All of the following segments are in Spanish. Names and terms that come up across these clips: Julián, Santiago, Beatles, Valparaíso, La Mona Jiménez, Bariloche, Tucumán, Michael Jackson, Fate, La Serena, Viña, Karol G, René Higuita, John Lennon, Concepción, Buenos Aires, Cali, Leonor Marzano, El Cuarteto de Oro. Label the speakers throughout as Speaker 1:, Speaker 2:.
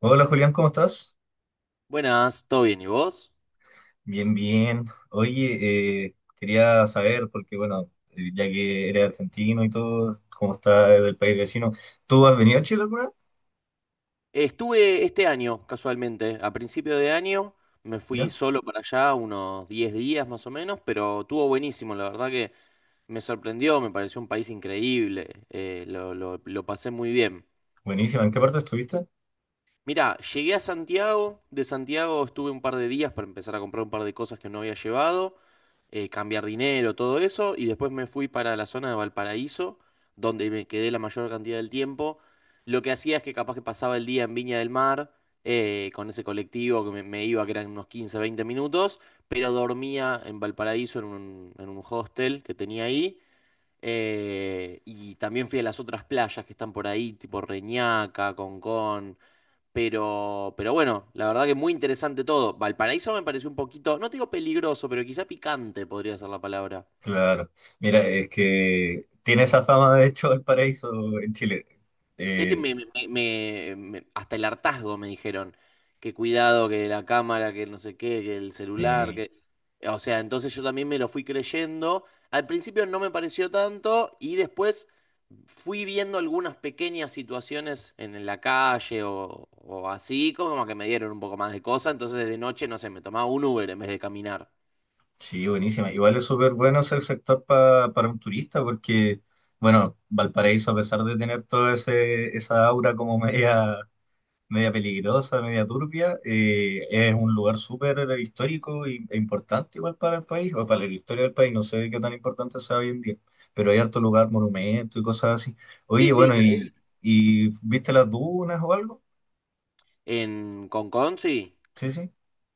Speaker 1: Hola Julián, ¿cómo estás?
Speaker 2: Buenas, ¿todo bien? ¿Y vos?
Speaker 1: Bien, bien. Oye, quería saber, porque bueno, ya que eres argentino y todo, ¿cómo está del país vecino? ¿Tú has venido a Chile alguna vez?
Speaker 2: Estuve este año, casualmente, a principio de año, me fui
Speaker 1: Mira,
Speaker 2: solo para allá unos 10 días más o menos, pero estuvo buenísimo, la verdad que me sorprendió, me pareció un país increíble, lo pasé muy bien.
Speaker 1: buenísima. ¿En qué parte estuviste?
Speaker 2: Mirá, llegué a Santiago, de Santiago estuve un par de días para empezar a comprar un par de cosas que no había llevado, cambiar dinero, todo eso, y después me fui para la zona de Valparaíso, donde me quedé la mayor cantidad del tiempo. Lo que hacía es que capaz que pasaba el día en Viña del Mar, con ese colectivo que me iba, que eran unos 15, 20 minutos, pero dormía en Valparaíso en un hostel que tenía ahí. Y también fui a las otras playas que están por ahí, tipo Reñaca, Concón. Pero bueno, la verdad que muy interesante todo. Valparaíso me pareció un poquito, no te digo peligroso, pero quizá picante podría ser la palabra.
Speaker 1: Claro. Mira, es que tiene esa fama, de hecho, Valparaíso en Chile.
Speaker 2: Es que
Speaker 1: Eh,
Speaker 2: hasta el hartazgo me dijeron que cuidado, que la cámara, que no sé qué, que el celular,
Speaker 1: sí,
Speaker 2: que... O sea, entonces yo también me lo fui creyendo. Al principio no me pareció tanto y después fui viendo algunas pequeñas situaciones en la calle o así, como que me dieron un poco más de cosa. Entonces de noche, no sé, me tomaba un Uber en vez de caminar.
Speaker 1: sí, buenísima. Igual es súper bueno el sector para un turista, porque, bueno, Valparaíso, a pesar de tener toda ese esa aura como media peligrosa, media turbia. Es un lugar súper histórico e importante igual para el país, o para la historia del país, no sé qué tan importante sea hoy en día, pero hay harto lugar, monumentos y cosas así.
Speaker 2: Sí,
Speaker 1: Oye,
Speaker 2: sí,
Speaker 1: bueno,
Speaker 2: increíble.
Speaker 1: y viste las dunas o algo?
Speaker 2: En Concón, sí.
Speaker 1: Sí, sí.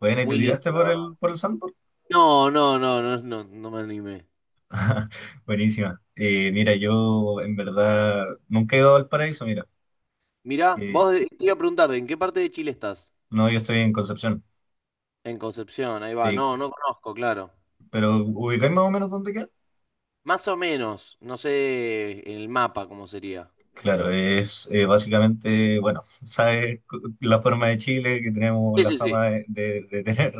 Speaker 1: Bueno, ¿y te
Speaker 2: Muy lindo,
Speaker 1: tiraste
Speaker 2: la
Speaker 1: por
Speaker 2: verdad.
Speaker 1: el sandboard?
Speaker 2: No, no, no, no, no, no me animé.
Speaker 1: Buenísima. Mira, yo en verdad nunca he ido al paraíso, mira.
Speaker 2: Mirá,
Speaker 1: Eh,
Speaker 2: te iba a preguntar, ¿de ¿en qué parte de Chile estás?
Speaker 1: no, yo estoy en Concepción,
Speaker 2: En Concepción, ahí va.
Speaker 1: sí,
Speaker 2: No, no conozco, claro.
Speaker 1: pero ubicáis más o menos dónde queda.
Speaker 2: Más o menos, no sé en el mapa cómo sería.
Speaker 1: Claro, es básicamente, bueno, sabes la forma de Chile, que tenemos
Speaker 2: Sí,
Speaker 1: la
Speaker 2: sí, sí.
Speaker 1: fama de tener,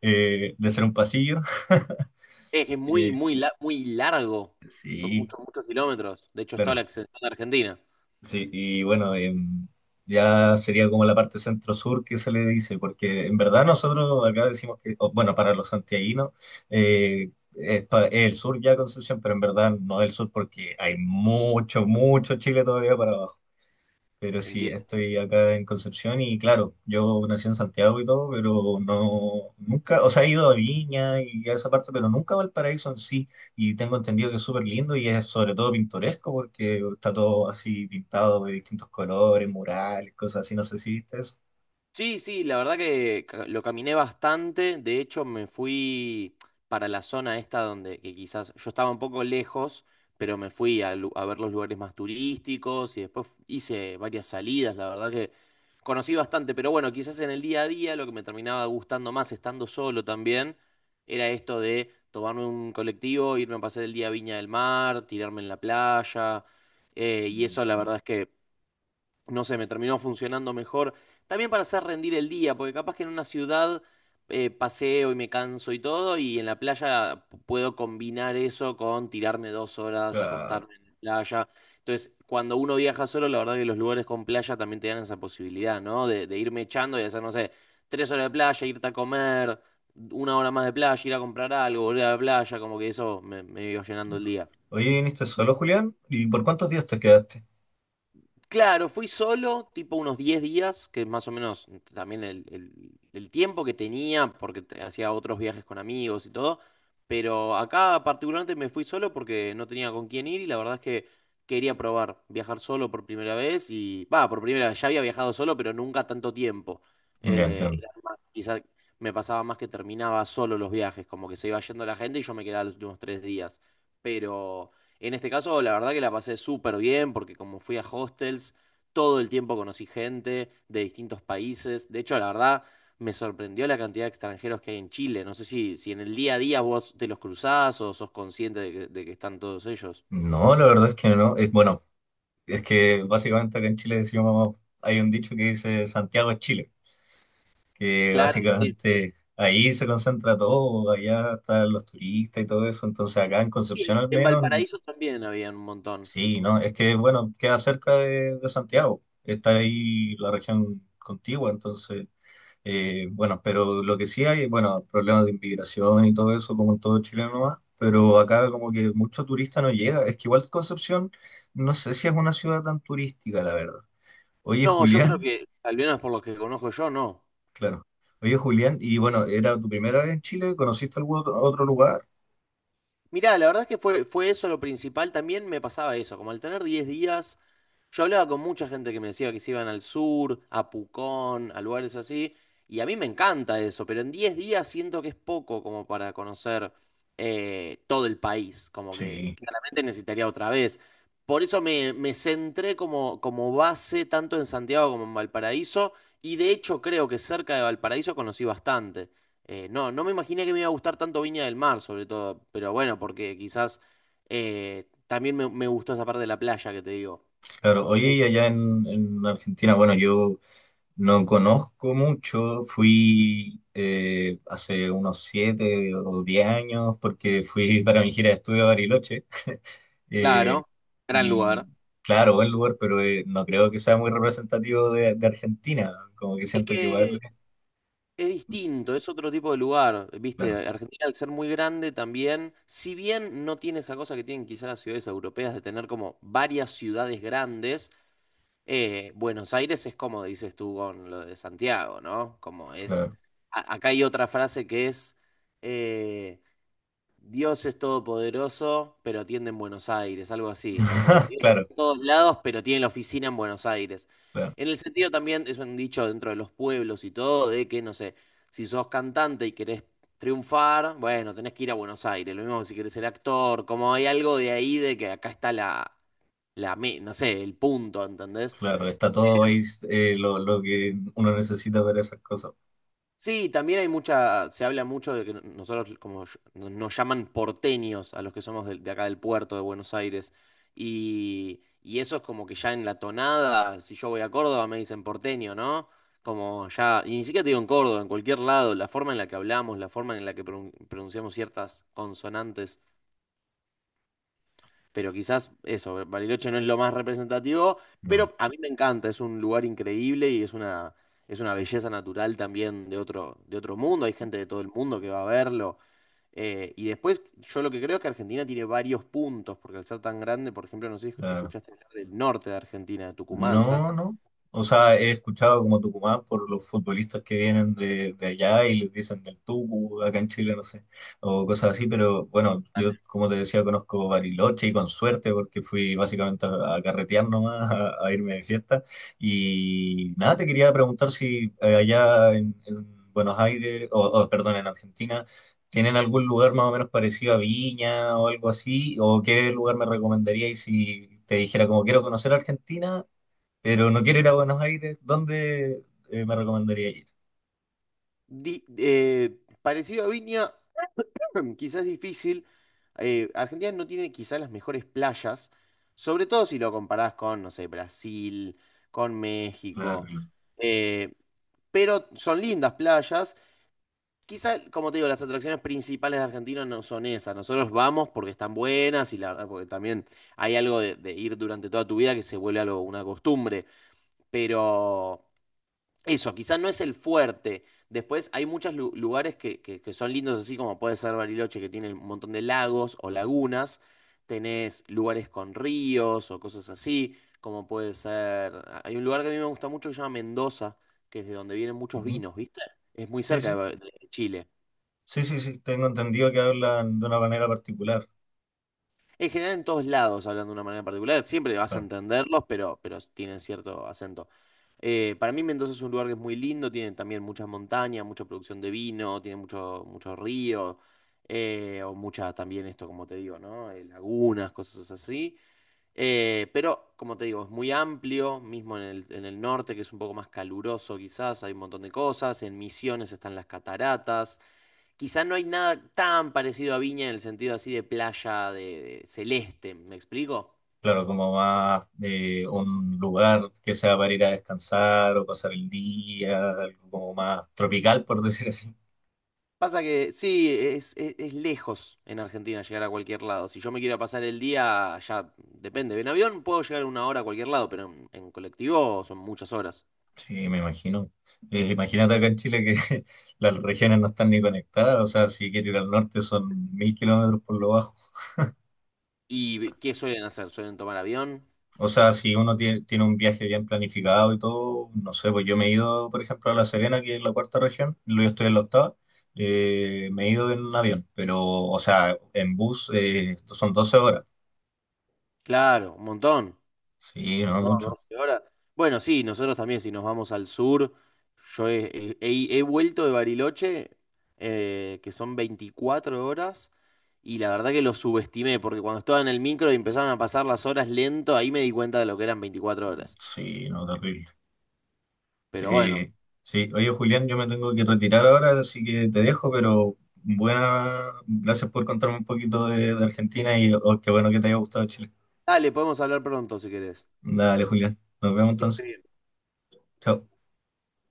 Speaker 1: de ser un pasillo.
Speaker 2: Es que es
Speaker 1: Eh,
Speaker 2: muy, muy largo. Son
Speaker 1: sí,
Speaker 2: muchos kilómetros. De hecho, está la
Speaker 1: claro,
Speaker 2: extensión de Argentina.
Speaker 1: sí, y bueno, ya sería como la parte centro-sur que se le dice, porque en verdad nosotros acá decimos que, o, bueno, para los santiaguinos, es el sur ya Concepción, pero en verdad no es el sur porque hay mucho, mucho Chile todavía para abajo. Pero sí,
Speaker 2: Entiendo.
Speaker 1: estoy acá en Concepción y claro, yo nací en Santiago y todo, pero no, nunca, o sea, he ido a Viña y a esa parte, pero nunca a Valparaíso en sí. Y tengo entendido que es súper lindo y es sobre todo pintoresco porque está todo así pintado de distintos colores, murales, cosas así. No sé si viste eso.
Speaker 2: Sí, sí, la verdad que lo caminé bastante. De hecho, me fui para la zona esta donde que quizás yo estaba un poco lejos, pero me fui a ver los lugares más turísticos y después hice varias salidas. La verdad que conocí bastante, pero bueno, quizás en el día a día lo que me terminaba gustando más estando solo también era esto de tomarme un colectivo, irme a pasar el día a Viña del Mar, tirarme en la playa. Y
Speaker 1: Mm.
Speaker 2: eso la verdad es que no sé, me terminó funcionando mejor. También para hacer rendir el día, porque capaz que en una ciudad paseo y me canso y todo, y en la playa puedo combinar eso con tirarme 2 horas,
Speaker 1: Claro.
Speaker 2: acostarme en la playa. Entonces, cuando uno viaja solo, la verdad que los lugares con playa también te dan esa posibilidad, ¿no? De irme echando y hacer, no sé, 3 horas de playa, irte a comer, 1 hora más de playa, ir a comprar algo, volver a la playa, como que eso me iba llenando el día.
Speaker 1: Oye, ¿viniste solo, Julián? ¿Y por cuántos días te quedaste?
Speaker 2: Claro, fui solo, tipo unos 10 días, que es más o menos también el tiempo que tenía, porque hacía otros viajes con amigos y todo, pero acá particularmente me fui solo porque no tenía con quién ir y la verdad es que quería probar viajar solo por primera vez y, va, por primera vez, ya había viajado solo, pero nunca tanto tiempo.
Speaker 1: Ya entiendo.
Speaker 2: Quizá me pasaba más que terminaba solo los viajes, como que se iba yendo la gente y yo me quedaba los últimos 3 días, pero... En este caso, la verdad que la pasé súper bien porque como fui a hostels, todo el tiempo conocí gente de distintos países. De hecho, la verdad, me sorprendió la cantidad de extranjeros que hay en Chile. No sé si, si en el día a día vos te los cruzás o sos consciente de que están todos ellos.
Speaker 1: No, la verdad es que no. Es, bueno, es que básicamente acá en Chile decimos, hay un dicho que dice Santiago es Chile. Que
Speaker 2: Claro, sí.
Speaker 1: básicamente ahí se concentra todo, allá están los turistas y todo eso, entonces acá en
Speaker 2: Sí,
Speaker 1: Concepción al
Speaker 2: en
Speaker 1: menos,
Speaker 2: Valparaíso también había un montón.
Speaker 1: sí, no, es que bueno, queda cerca de Santiago, está ahí la región contigua, entonces, bueno, pero lo que sí hay, bueno, problemas de inmigración y todo eso, como en todo Chile nomás, pero acá como que mucho turista no llega, es que igual Concepción, no sé si es una ciudad tan turística, la verdad. Oye,
Speaker 2: No, yo creo
Speaker 1: Julián.
Speaker 2: que, al menos por lo que conozco yo, no.
Speaker 1: Claro. Oye, Julián, y bueno, ¿era tu primera vez en Chile? ¿Conociste algún otro lugar?
Speaker 2: Mirá, la verdad es que fue eso lo principal. También me pasaba eso, como al tener 10 días, yo hablaba con mucha gente que me decía que se iban al sur, a Pucón, a lugares así, y a mí me encanta eso, pero en 10 días siento que es poco como para conocer todo el país, como que
Speaker 1: Sí,
Speaker 2: claramente necesitaría otra vez. Por eso me centré como, como base tanto en Santiago como en Valparaíso, y de hecho creo que cerca de Valparaíso conocí bastante. No, no me imaginé que me iba a gustar tanto Viña del Mar, sobre todo, pero bueno, porque quizás me gustó esa parte de la playa que te digo.
Speaker 1: claro. Oye,
Speaker 2: Eh,
Speaker 1: y allá en, Argentina, bueno, yo no conozco mucho. Fui hace unos 7 o 10 años porque fui para mi gira de estudio a Bariloche. Eh,
Speaker 2: Claro, gran
Speaker 1: y
Speaker 2: lugar.
Speaker 1: claro, buen lugar, pero no creo que sea muy representativo de Argentina. Como que
Speaker 2: Es
Speaker 1: siento que igual,
Speaker 2: que es distinto, es otro tipo de lugar, viste,
Speaker 1: claro,
Speaker 2: Argentina al ser muy grande también, si bien no tiene esa cosa que tienen quizás las ciudades europeas de tener como varias ciudades grandes, Buenos Aires es como dices tú con lo de Santiago, ¿no? Como es,
Speaker 1: claro,
Speaker 2: acá hay otra frase que es... eh, Dios es todopoderoso, pero tiende en Buenos Aires, algo así. O como Dios está
Speaker 1: claro,
Speaker 2: en todos lados, pero tiene la oficina en Buenos Aires.
Speaker 1: claro.
Speaker 2: En el sentido también, es un dicho dentro de los pueblos y todo, de que, no sé, si sos cantante y querés triunfar, bueno, tenés que ir a Buenos Aires. Lo mismo que si querés ser actor, como hay algo de ahí de que acá está no sé, el punto, ¿entendés?
Speaker 1: Claro, está todo ahí lo que uno necesita para esas cosas.
Speaker 2: Sí, también hay mucha, se habla mucho de que nosotros como nos llaman porteños a los que somos de, acá del puerto de Buenos Aires. Y eso es como que ya en la tonada, si yo voy a Córdoba me dicen porteño, ¿no? Como ya, y ni siquiera te digo en Córdoba, en cualquier lado, la forma en la que hablamos, la forma en la que pronunciamos ciertas consonantes, pero quizás eso, Bariloche no es lo más representativo,
Speaker 1: No,
Speaker 2: pero a mí me encanta, es un lugar increíble y es una belleza natural también de otro mundo, hay gente de todo el mundo que va a verlo. Y después, yo lo que creo es que Argentina tiene varios puntos, porque al ser tan grande, por ejemplo, no sé si
Speaker 1: la
Speaker 2: escuchaste hablar del norte de Argentina, de Tucumán,
Speaker 1: no,
Speaker 2: Salta.
Speaker 1: no. O sea, he escuchado como Tucumán por los futbolistas que vienen de allá y les dicen del Tucu, acá en Chile, no sé, o cosas así, pero bueno, yo como te decía, conozco Bariloche y con suerte porque fui básicamente a carretear nomás, a irme de fiesta. Y nada, te quería preguntar si allá en, Buenos Aires, o, perdón, en Argentina, ¿tienen algún lugar más o menos parecido a Viña o algo así? ¿O qué lugar me recomendaríais si te dijera como quiero conocer Argentina? Pero no quiero ir a Buenos Aires, ¿dónde me recomendaría ir?
Speaker 2: Parecido a Viña, quizás es difícil. Eh, Argentina no tiene quizás las mejores playas, sobre todo si lo comparás con, no sé, Brasil, con
Speaker 1: Claro,
Speaker 2: México.
Speaker 1: claro.
Speaker 2: Eh, pero son lindas playas. Quizás, como te digo, las atracciones principales de Argentina no son esas. Nosotros vamos porque están buenas y la verdad, porque también hay algo de ir durante toda tu vida que se vuelve algo, una costumbre. Pero eso, quizás no es el fuerte. Después hay muchos lugares que son lindos, así como puede ser Bariloche, que tiene un montón de lagos o lagunas. Tenés lugares con ríos o cosas así, como puede ser... Hay un lugar que a mí me gusta mucho que se llama Mendoza, que es de donde vienen muchos
Speaker 1: Ujú.
Speaker 2: vinos, ¿viste? Es muy
Speaker 1: Sí,
Speaker 2: cerca
Speaker 1: sí,
Speaker 2: De Chile.
Speaker 1: sí, sí, sí, tengo entendido que hablan de una manera particular.
Speaker 2: En general, en todos lados, hablando de una manera particular, siempre vas a
Speaker 1: Claro,
Speaker 2: entenderlos, pero tienen cierto acento. Para mí Mendoza es un lugar que es muy lindo, tiene también muchas montañas, mucha producción de vino, tiene mucho río, o muchas también esto, como te digo, ¿no? Lagunas, cosas así. Pero, como te digo, es muy amplio, mismo en el norte, que es un poco más caluroso quizás, hay un montón de cosas, en Misiones están las cataratas, quizás no hay nada tan parecido a Viña en el sentido así de playa, de celeste, ¿me explico?
Speaker 1: claro, como más de un lugar que sea para ir a descansar o pasar el día, algo como más tropical, por decir así.
Speaker 2: Pasa que sí, es lejos en Argentina llegar a cualquier lado. Si yo me quiero pasar el día, ya depende. En avión puedo llegar 1 hora a cualquier lado, pero en colectivo son muchas horas.
Speaker 1: Sí, me imagino. Imagínate acá en Chile que las regiones no están ni conectadas, o sea, si quiero ir al norte son 1.000 kilómetros por lo bajo.
Speaker 2: ¿Y qué suelen hacer? ¿Suelen tomar avión?
Speaker 1: O sea, si uno tiene, un viaje bien planificado y todo, no sé, pues yo me he ido, por ejemplo, a La Serena, que es la cuarta región, luego estoy en la octava, me he ido en un avión, pero, o sea, en bus esto son 12 horas.
Speaker 2: Claro, un montón.
Speaker 1: Sí, no
Speaker 2: No,
Speaker 1: mucho.
Speaker 2: 12 horas. Bueno, sí, nosotros también, si nos vamos al sur, yo he vuelto de Bariloche, que son 24 horas, y la verdad que lo subestimé, porque cuando estaba en el micro y empezaron a pasar las horas lento, ahí me di cuenta de lo que eran 24 horas.
Speaker 1: Sí, no, terrible.
Speaker 2: Pero bueno,
Speaker 1: Eh, sí, oye, Julián, yo me tengo que retirar ahora, así que te dejo, pero buena, gracias por contarme un poquito de Argentina y oh, qué bueno que te haya gustado Chile.
Speaker 2: dale, podemos hablar pronto si querés.
Speaker 1: Dale, Julián, nos vemos
Speaker 2: Que estés
Speaker 1: entonces.
Speaker 2: bien.
Speaker 1: Chao.